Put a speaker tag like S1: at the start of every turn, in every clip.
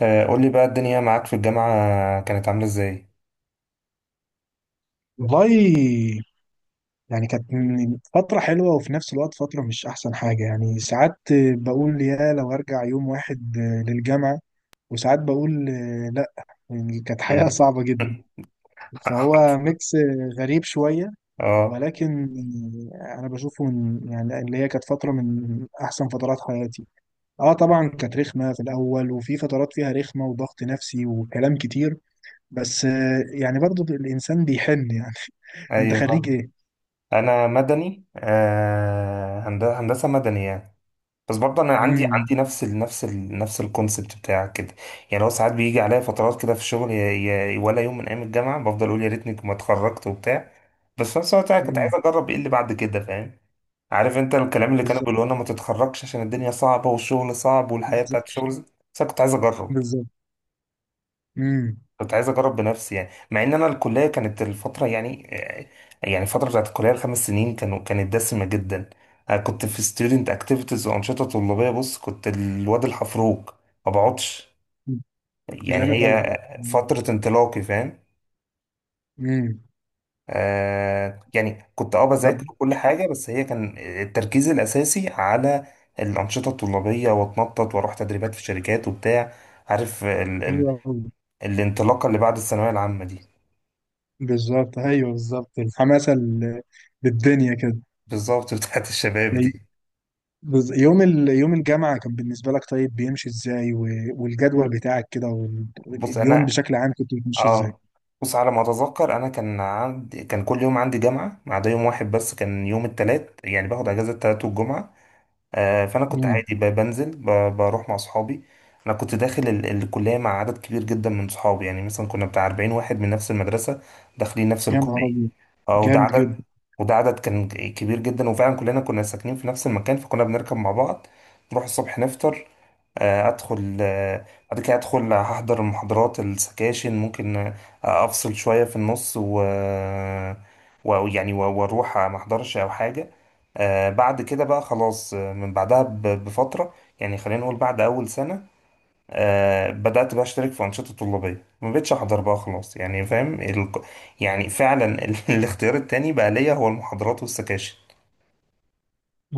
S1: قول لي بقى الدنيا معاك في الجامعة كانت عاملة ازاي؟
S2: والله، فترة حلوة وفي نفس الوقت فترة مش أحسن حاجة، ساعات بقول يا لو أرجع يوم واحد للجامعة، وساعات بقول لأ. كانت حياة
S1: مم.
S2: صعبة جدا. فهو ميكس غريب شوية،
S1: اه،
S2: ولكن أنا بشوفه من يعني اللي هي كانت فترة من أحسن فترات حياتي. اه طبعا كانت رخمة في الأول، وفي فترات فيها رخمة وضغط نفسي وكلام كتير، بس برضو الإنسان بيحن يعني. أنت
S1: ايوه
S2: خريج
S1: فاهم.
S2: إيه؟
S1: انا مدني، هندسة مدني يعني. بس برضه انا عندي
S2: مم.
S1: عندي نفس ال نفس ال نفس الكونسبت بتاعك كده. يعني لو ساعات بيجي عليا فترات كده في الشغل ولا يوم من ايام الجامعة بفضل اقول يا ريتني ما اتخرجت وبتاع. بس في نفس الوقت أنا كنت
S2: مم.
S1: عايز اجرب ايه اللي بعد كده، فاهم؟ عارف انت الكلام اللي كانوا
S2: بالظبط،
S1: بيقولوا لنا ما تتخرجش عشان الدنيا صعبة والشغل صعب والحياة بتاعت
S2: بالظبط،
S1: الشغل، بس انا كنت عايز اجرب.
S2: بالظبط. مم.
S1: كنت عايز اجرب بنفسي يعني، مع ان انا الكليه كانت الفتره يعني يعني الفتره بتاعت الكليه الخمس سنين كانت دسمه جدا. انا كنت في ستودنت اكتيفيتيز وانشطه طلابيه، بص كنت الواد الحفروك، ما بقعدش.
S2: مم.
S1: يعني
S2: جامد أوي.
S1: هي
S2: مم.
S1: فتره انطلاقي فاهم.
S2: مم.
S1: آه يعني كنت اه
S2: طب.
S1: بذاكر كل حاجه بس هي كان التركيز الاساسي على الانشطه الطلابيه، واتنطط واروح تدريبات في شركات وبتاع. عارف ال
S2: حلو
S1: ال
S2: أوي.
S1: الانطلاقه اللي بعد الثانويه العامه دي،
S2: بالظبط، أيوه بالظبط. للدنيا كده.
S1: بالظبط بتاعت الشباب
S2: أي-
S1: دي.
S2: يوم يوم الجامعة كان بالنسبة لك طيب، بيمشي إزاي و والجدول بتاعك كده وال...
S1: بص
S2: واليوم
S1: انا،
S2: بشكل عام كنت بتمشي إزاي؟
S1: اه، بص على ما اتذكر انا كان عندي كان كل يوم عندي جامعه ما عدا يوم واحد بس، كان يوم التلات، يعني باخد اجازه التلات والجمعه. آه، فانا كنت
S2: مم.
S1: عادي بروح مع اصحابي. انا كنت داخل الكليه مع عدد كبير جدا من صحابي، يعني مثلا كنا بتاع 40 واحد من نفس المدرسه داخلين نفس
S2: يا نهار
S1: الكليه.
S2: أبيض.
S1: اه،
S2: جامد جدا.
S1: وده عدد كان كبير جدا، وفعلا كلنا كنا ساكنين في نفس المكان، فكنا بنركب مع بعض، نروح الصبح نفطر. ادخل، بعد كده ادخل هحضر المحاضرات، السكاشن ممكن افصل شوية في النص و ويعني واروح ما احضرش او حاجة. بعد كده بقى خلاص، من بعدها بفترة، يعني خلينا نقول بعد اول سنة، بدأت بقى اشترك في أنشطة طلابية، ما بقتش احضر بقى خلاص. يعني فاهم يعني فعلا الاختيار التاني بقى ليا هو المحاضرات والسكاشن.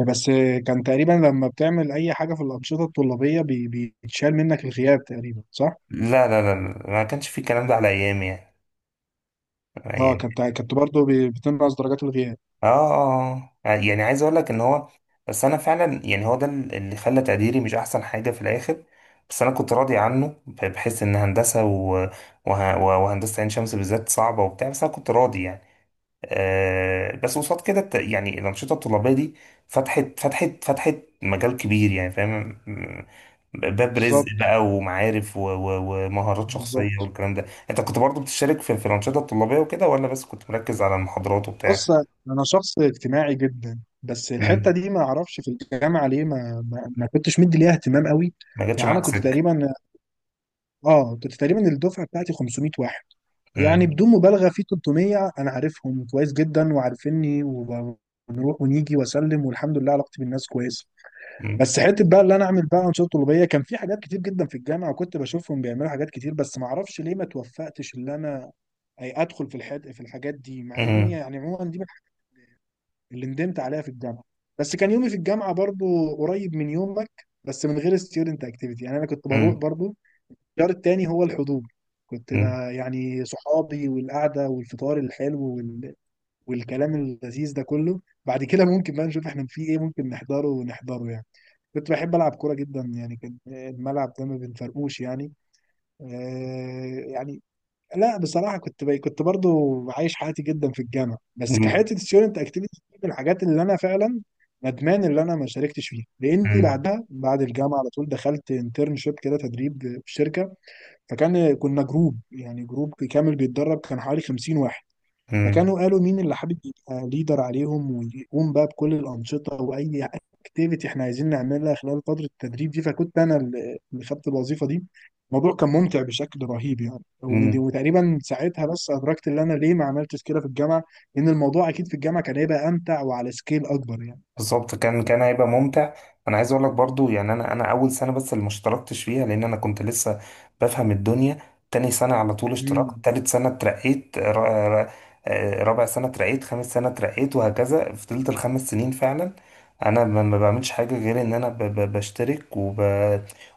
S2: بس كان تقريبا لما بتعمل أي حاجة في الأنشطة الطلابية بيتشال منك الغياب تقريبا، صح؟
S1: لا لا، ما كانش في الكلام ده على ايامي يعني.
S2: اه،
S1: يعني
S2: كنت برضه بتنقص درجات الغياب.
S1: اه. يعني عايز اقول لك ان هو، بس انا فعلا يعني هو ده اللي خلى تقديري مش احسن حاجه في الاخر. بس انا كنت راضي عنه، بحس ان هندسه و... وه... وهندسه عين شمس بالذات صعبه وبتاع، بس انا كنت راضي يعني. آه بس قصاد كده يعني الانشطه الطلابيه دي فتحت مجال كبير، يعني فاهم باب رزق
S2: بالظبط،
S1: بقى ومعارف و... و... ومهارات شخصيه
S2: بالظبط.
S1: والكلام ده. انت كنت برضو بتشارك في الانشطه الطلابيه وكده، ولا بس كنت مركز على المحاضرات وبتاع؟
S2: بص، انا شخص اجتماعي جدا، بس الحته دي ما اعرفش. في الجامعه ليه ما كنتش مدي ليها اهتمام قوي.
S1: ما جاتش
S2: يعني انا
S1: معاك
S2: كنت
S1: سكة.
S2: تقريبا اه كنت تقريبا الدفعه بتاعتي 500 واحد. يعني
S1: مم.
S2: بدون مبالغه في 300 انا عارفهم كويس جدا وعارفيني، وبنروح ونيجي واسلم، والحمد لله علاقتي بالناس كويسه.
S1: مم.
S2: بس حته بقى اللي انا اعمل بقى انشطه طلابيه، كان في حاجات كتير جدا في الجامعه وكنت بشوفهم بيعملوا حاجات كتير، بس ما اعرفش ليه ما توفقتش اللي انا أي ادخل في الحد في الحاجات دي، مع اني
S1: مم.
S2: يعني عموما دي من الحاجات اللي ندمت عليها في الجامعه. بس كان يومي في الجامعه برضو قريب من يومك، بس من غير ستيودنت اكتيفيتي. يعني انا كنت بروح
S1: مم.
S2: برضو، الخيار التاني هو الحضور. كنت
S1: مم.
S2: بقى يعني صحابي والقعده والفطار الحلو والكلام اللذيذ ده كله، بعد كده ممكن بقى نشوف احنا في ايه ممكن نحضره، ونحضره يعني. كنت بحب ألعب كورة جدا، يعني كان الملعب ده ما بنفرقوش يعني. آه يعني لا، بصراحة كنت برضو عايش حياتي جدا في الجامعة، بس كحياتي الستودنت اكتيفيتي من الحاجات اللي أنا فعلا ندمان اللي أنا ما شاركتش فيها، لأني
S1: مم.
S2: بعدها بعد الجامعة على طول دخلت انترنشيب كده، تدريب في شركة. كنا جروب، يعني جروب كامل بيتدرب، كان حوالي 50 واحد.
S1: مم.
S2: فكانوا قالوا مين اللي حابب يبقى ليدر عليهم ويقوم بقى بكل الأنشطة وأي اكتيفيتي احنا عايزين نعملها خلال فترة التدريب دي. فكنت أنا اللي خدت الوظيفة دي. الموضوع كان ممتع بشكل رهيب يعني،
S1: مم.
S2: وتقريبا ساعتها بس أدركت إن أنا ليه ما عملتش كده في الجامعة، لأن الموضوع أكيد في الجامعة كان هيبقى أمتع وعلى سكيل أكبر يعني.
S1: بالظبط، كان هيبقى ممتع. انا عايز اقول لك برضو، يعني انا اول سنه بس اللي ما اشتركتش فيها لان انا كنت لسه بفهم الدنيا. تاني سنه على طول اشتركت،
S2: امم.
S1: تالت سنه اترقيت رابع سنه اترقيت، خامس سنه اترقيت، وهكذا. فضلت الخمس سنين فعلا انا ما بعملش حاجه غير ان انا بشترك وب...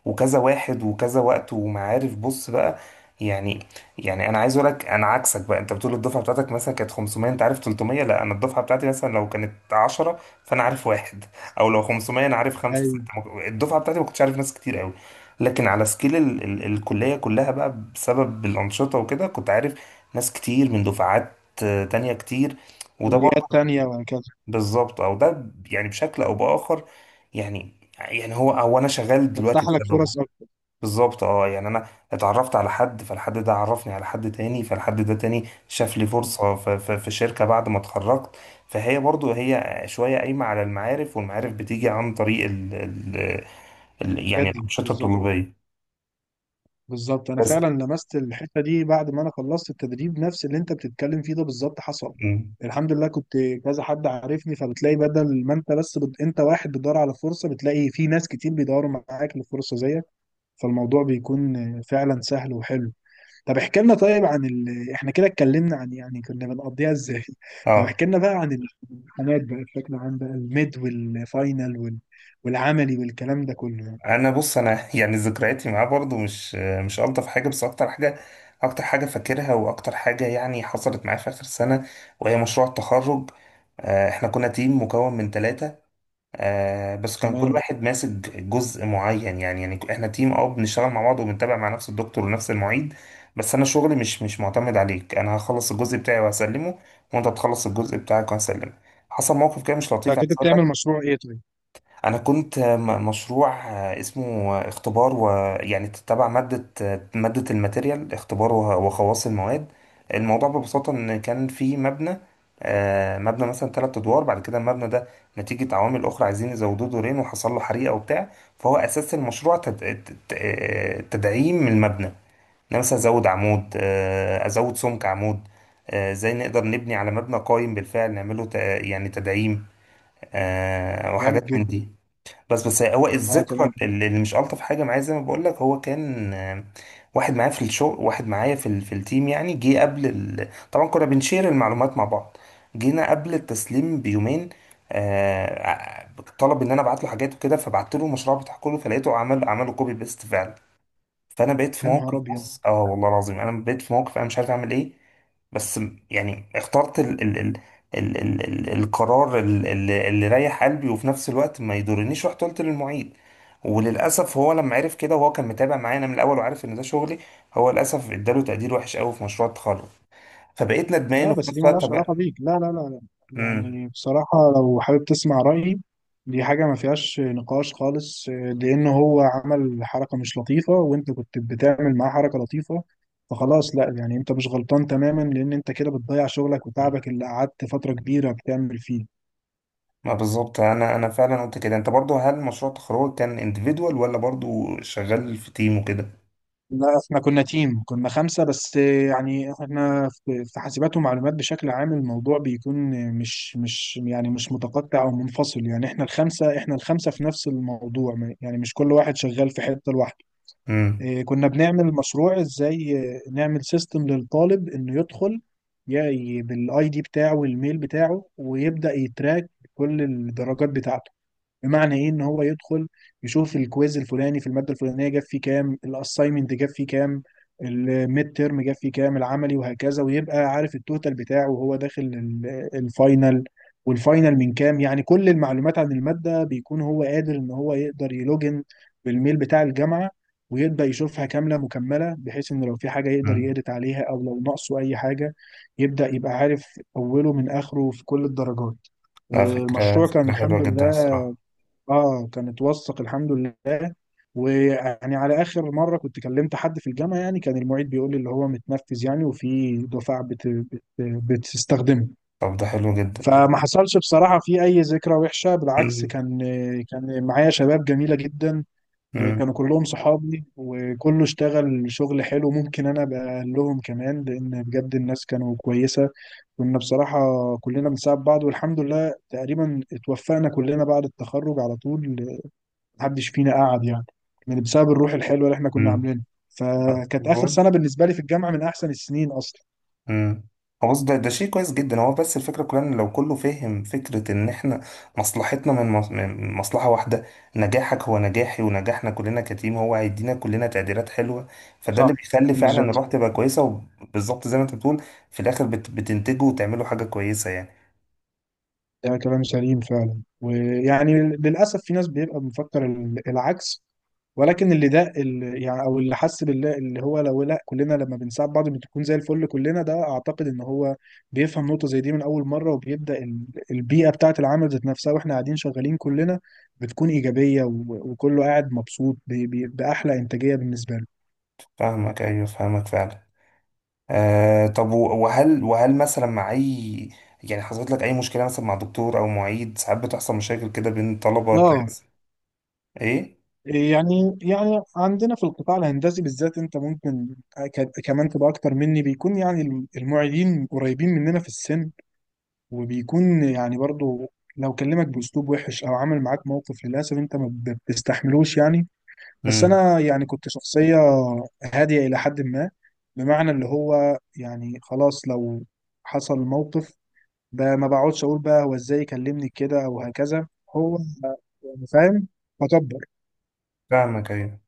S1: وكذا واحد وكذا وقت ومعارف، بص بقى. يعني، يعني انا عايز اقول لك انا عكسك بقى. انت بتقول الدفعه بتاعتك مثلا كانت 500 انت عارف 300، لا انا الدفعه بتاعتي مثلا لو كانت 10 فانا عارف واحد، او لو 500 انا عارف خمسه
S2: أيوه.
S1: سته. ما الدفعه بتاعتي ما كنتش عارف ناس كتير قوي، لكن على سكيل ال ال الكليه كلها بقى، بسبب الانشطه وكده، كنت عارف ناس كتير من دفعات تانية كتير. وده
S2: كليات
S1: برضه
S2: تانية وهكذا.
S1: بالظبط، او ده يعني بشكل او باخر، يعني هو، او انا شغال
S2: تفتح
S1: دلوقتي
S2: لك
S1: بسببه.
S2: فرص أكتر.
S1: بالظبط، اه، يعني انا اتعرفت على حد، فالحد ده عرفني على حد تاني، فالحد ده تاني شاف لي
S2: مم.
S1: فرصة في شركة بعد ما اتخرجت. فهي برضو هي شوية قايمة على المعارف، والمعارف بتيجي عن طريق ال ال ال يعني
S2: بجد
S1: الأنشطة
S2: بالظبط.
S1: الطلابية.
S2: بالظبط، انا
S1: بس.
S2: فعلا لمست الحته دي بعد ما انا خلصت التدريب، نفس اللي انت بتتكلم فيه ده بالظبط حصل.
S1: مم.
S2: الحمد لله كنت كذا حد عارفني، فبتلاقي بدل ما انت واحد بتدور على فرصه، بتلاقي في ناس كتير بيدوروا معاك لفرصه زيك. فالموضوع بيكون فعلا سهل وحلو. طب احكي لنا طيب عن احنا كده اتكلمنا عن يعني كنا بنقضيها ازاي. طب
S1: اه.
S2: احكي لنا بقى عن الامتحانات بقى بشكل عام بقى، الميد والفاينل والعملي والكلام ده كله يعني.
S1: انا بص انا يعني ذكرياتي معاه برضو مش الطف حاجة، بس اكتر حاجة، اكتر حاجة فاكرها واكتر حاجة يعني حصلت معايا في اخر سنة وهي مشروع التخرج. احنا كنا تيم مكون من ثلاثة، آه بس كان كل
S2: تمام.
S1: واحد ماسك جزء معين. يعني يعني احنا تيم، اه بنشتغل مع بعض وبنتابع مع نفس الدكتور ونفس المعيد، بس انا شغلي مش معتمد عليك، انا هخلص الجزء بتاعي وهسلمه، وانت تخلص الجزء بتاعك وهسلمه. حصل موقف كده مش لطيف
S2: فكنت
S1: عايز
S2: بتعمل
S1: اقول.
S2: مشروع ايه طيب؟
S1: انا كنت مشروع اسمه اختبار، ويعني تتبع ماده، ماده الماتيريال اختبار وخواص المواد. الموضوع ببساطه ان كان في مبنى، مبنى مثلا ثلاث ادوار، بعد كده المبنى ده نتيجه عوامل اخرى عايزين يزودوه دورين وحصل له حريقه وبتاع. فهو اساس المشروع تدعيم المبنى، ان أنا مثلا ازود عمود، ازود سمك عمود، ازاي نقدر نبني على مبنى قايم بالفعل نعمله يعني تدعيم،
S2: جامد
S1: وحاجات من
S2: جدا.
S1: دي. بس هو
S2: اه
S1: الذكرى
S2: تمام.
S1: اللي مش ألطف حاجة معايا، زي ما بقول لك، هو كان واحد معايا في الشغل، واحد معايا في في التيم، يعني جه قبل طبعا كنا بنشير المعلومات مع بعض، جينا قبل التسليم بيومين، آه، ع- طلب ان انا ابعت له حاجات وكده، فبعت له المشروع بتاع كله، فلقيته عمله كوبي بيست. فانا بقيت في
S2: يا نهار
S1: موقف،
S2: ابيض.
S1: بص، اه والله العظيم انا بقيت في موقف انا مش عارف اعمل ايه. بس يعني اخترت ال ال ال ال ال ال القرار اللي يريح قلبي وفي نفس الوقت ما يضرنيش، رحت قلت للمعيد. وللاسف هو لما عرف كده، وهو كان متابع معايا انا من الاول وعارف ان ده شغلي، هو للاسف اداله تقدير وحش قوي في مشروع التخرج. فبقيت ندمان،
S2: لا،
S1: وفي
S2: بس دي
S1: نفس الوقت
S2: مالهاش
S1: طب.
S2: علاقه بيك، لا.
S1: امم.
S2: يعني بصراحه لو حابب تسمع رايي، دي حاجه ما فيهاش نقاش خالص، آه، لان هو عمل حركه مش لطيفه، وانت كنت بتعمل معاه حركه لطيفه. فخلاص لا، يعني انت مش غلطان تماما، لان انت كده بتضيع شغلك وتعبك اللي قعدت فتره كبيره بتعمل فيه.
S1: ما بالظبط، انا انا فعلا قلت كده. انت برضو هل مشروع التخرج كان individual ولا برضو شغال في تيم وكده؟
S2: لا احنا كنا تيم، كنا خمسة. بس يعني احنا في حاسبات ومعلومات بشكل عام الموضوع بيكون مش متقطع او منفصل. يعني احنا الخمسة في نفس الموضوع، يعني مش كل واحد شغال في حتة لوحده. إيه، كنا بنعمل مشروع ازاي، آه، نعمل سيستم للطالب انه يدخل يعني بالاي دي بتاعه والميل بتاعه، ويبدأ يتراك كل الدرجات بتاعته. بمعنى ايه، ان هو يدخل يشوف الكويز الفلاني في الماده الفلانيه جاب فيه كام، الاساينمنت جاب فيه كام، الميد تيرم جاب فيه كام، العملي وهكذا، ويبقى عارف التوتال بتاعه وهو داخل الفاينل، والفاينل من كام. يعني كل المعلومات عن الماده بيكون هو قادر ان هو يقدر يلوجن بالميل بتاع الجامعه، ويبدأ يشوفها كاملة مكملة، بحيث إن لو في حاجة يقدر
S1: امم.
S2: يedit عليها، أو لو ناقصه أي حاجة يبدأ يبقى عارف أوله من آخره في كل الدرجات. آه،
S1: لا، فكرة
S2: المشروع كان
S1: فكرة حلوة
S2: الحمد
S1: جدا
S2: لله،
S1: الصراحة.
S2: اه كانت وثق الحمد لله. ويعني على اخر مره كنت كلمت حد في الجامعه، يعني كان المعيد بيقول لي اللي هو متنفذ، يعني وفي دفعه بتستخدمه.
S1: طب ده حلو جدا ده.
S2: فما حصلش بصراحه في اي ذكرى وحشه، بالعكس
S1: مم.
S2: كان، كان معايا شباب جميله جدا،
S1: مم.
S2: كانوا كلهم صحابي، وكله اشتغل شغل حلو، ممكن انا ابقى لهم كمان، لان بجد الناس كانوا كويسه. كنا بصراحه كلنا بنساعد بعض، والحمد لله تقريبا اتوفقنا كلنا بعد التخرج على طول، محدش فينا قعد يعني، بسبب الروح الحلوه اللي احنا كنا
S1: مم.
S2: عاملينها. فكانت اخر
S1: بقول-.
S2: سنه بالنسبه لي في الجامعه من احسن السنين اصلا.
S1: مم. هو بص، ده ده شيء كويس جدا. هو بس الفكرة كلها ان لو كله فاهم فكرة ان احنا مصلحتنا من من مصلحة واحدة، نجاحك هو نجاحي، ونجاحنا كلنا كتيم هو هيدينا كلنا تقديرات حلوة، فده اللي
S2: صح،
S1: بيخلي فعلا
S2: بالظبط.
S1: الروح تبقى كويسة. وبالظبط زي ما انت بتقول، في الاخر بتنتجوا وتعملوا حاجة كويسة يعني.
S2: ده كلام سليم فعلا، ويعني للأسف في ناس بيبقى مفكر العكس، ولكن اللي ده اللي يعني او اللي حس بالله اللي هو لو لا كلنا لما بنساعد بعض بتكون زي الفل كلنا، ده اعتقد ان هو بيفهم نقطة زي دي من اول مرة، وبيبدأ البيئة بتاعة العمل ذات نفسها واحنا قاعدين شغالين كلنا بتكون إيجابية، وكله قاعد مبسوط بأحلى إنتاجية بالنسبة له.
S1: فاهمك، ايوه فاهمك فعلا. آه طب وهل مثلا مع اي، يعني حصلت لك اي مشكله مثلا مع دكتور او معيد؟ ساعات بتحصل مشاكل كده بين طلبه تلاقي
S2: اه،
S1: مثلاً-. ايه.
S2: يعني عندنا في القطاع الهندسي بالذات انت ممكن كمان تبقى اكتر مني، بيكون يعني المعيدين قريبين مننا في السن، وبيكون يعني برضو لو كلمك باسلوب وحش او عمل معاك موقف، للاسف انت ما بتستحملوش يعني. بس
S1: امم.
S2: انا يعني كنت شخصية هادية الى حد ما، بمعنى اللي هو يعني خلاص لو حصل موقف، ما بقعدش اقول بقى هو ازاي كلمني كده او هكذا. هو يعني فاهم، فكبر.
S1: فاهمك ايوه.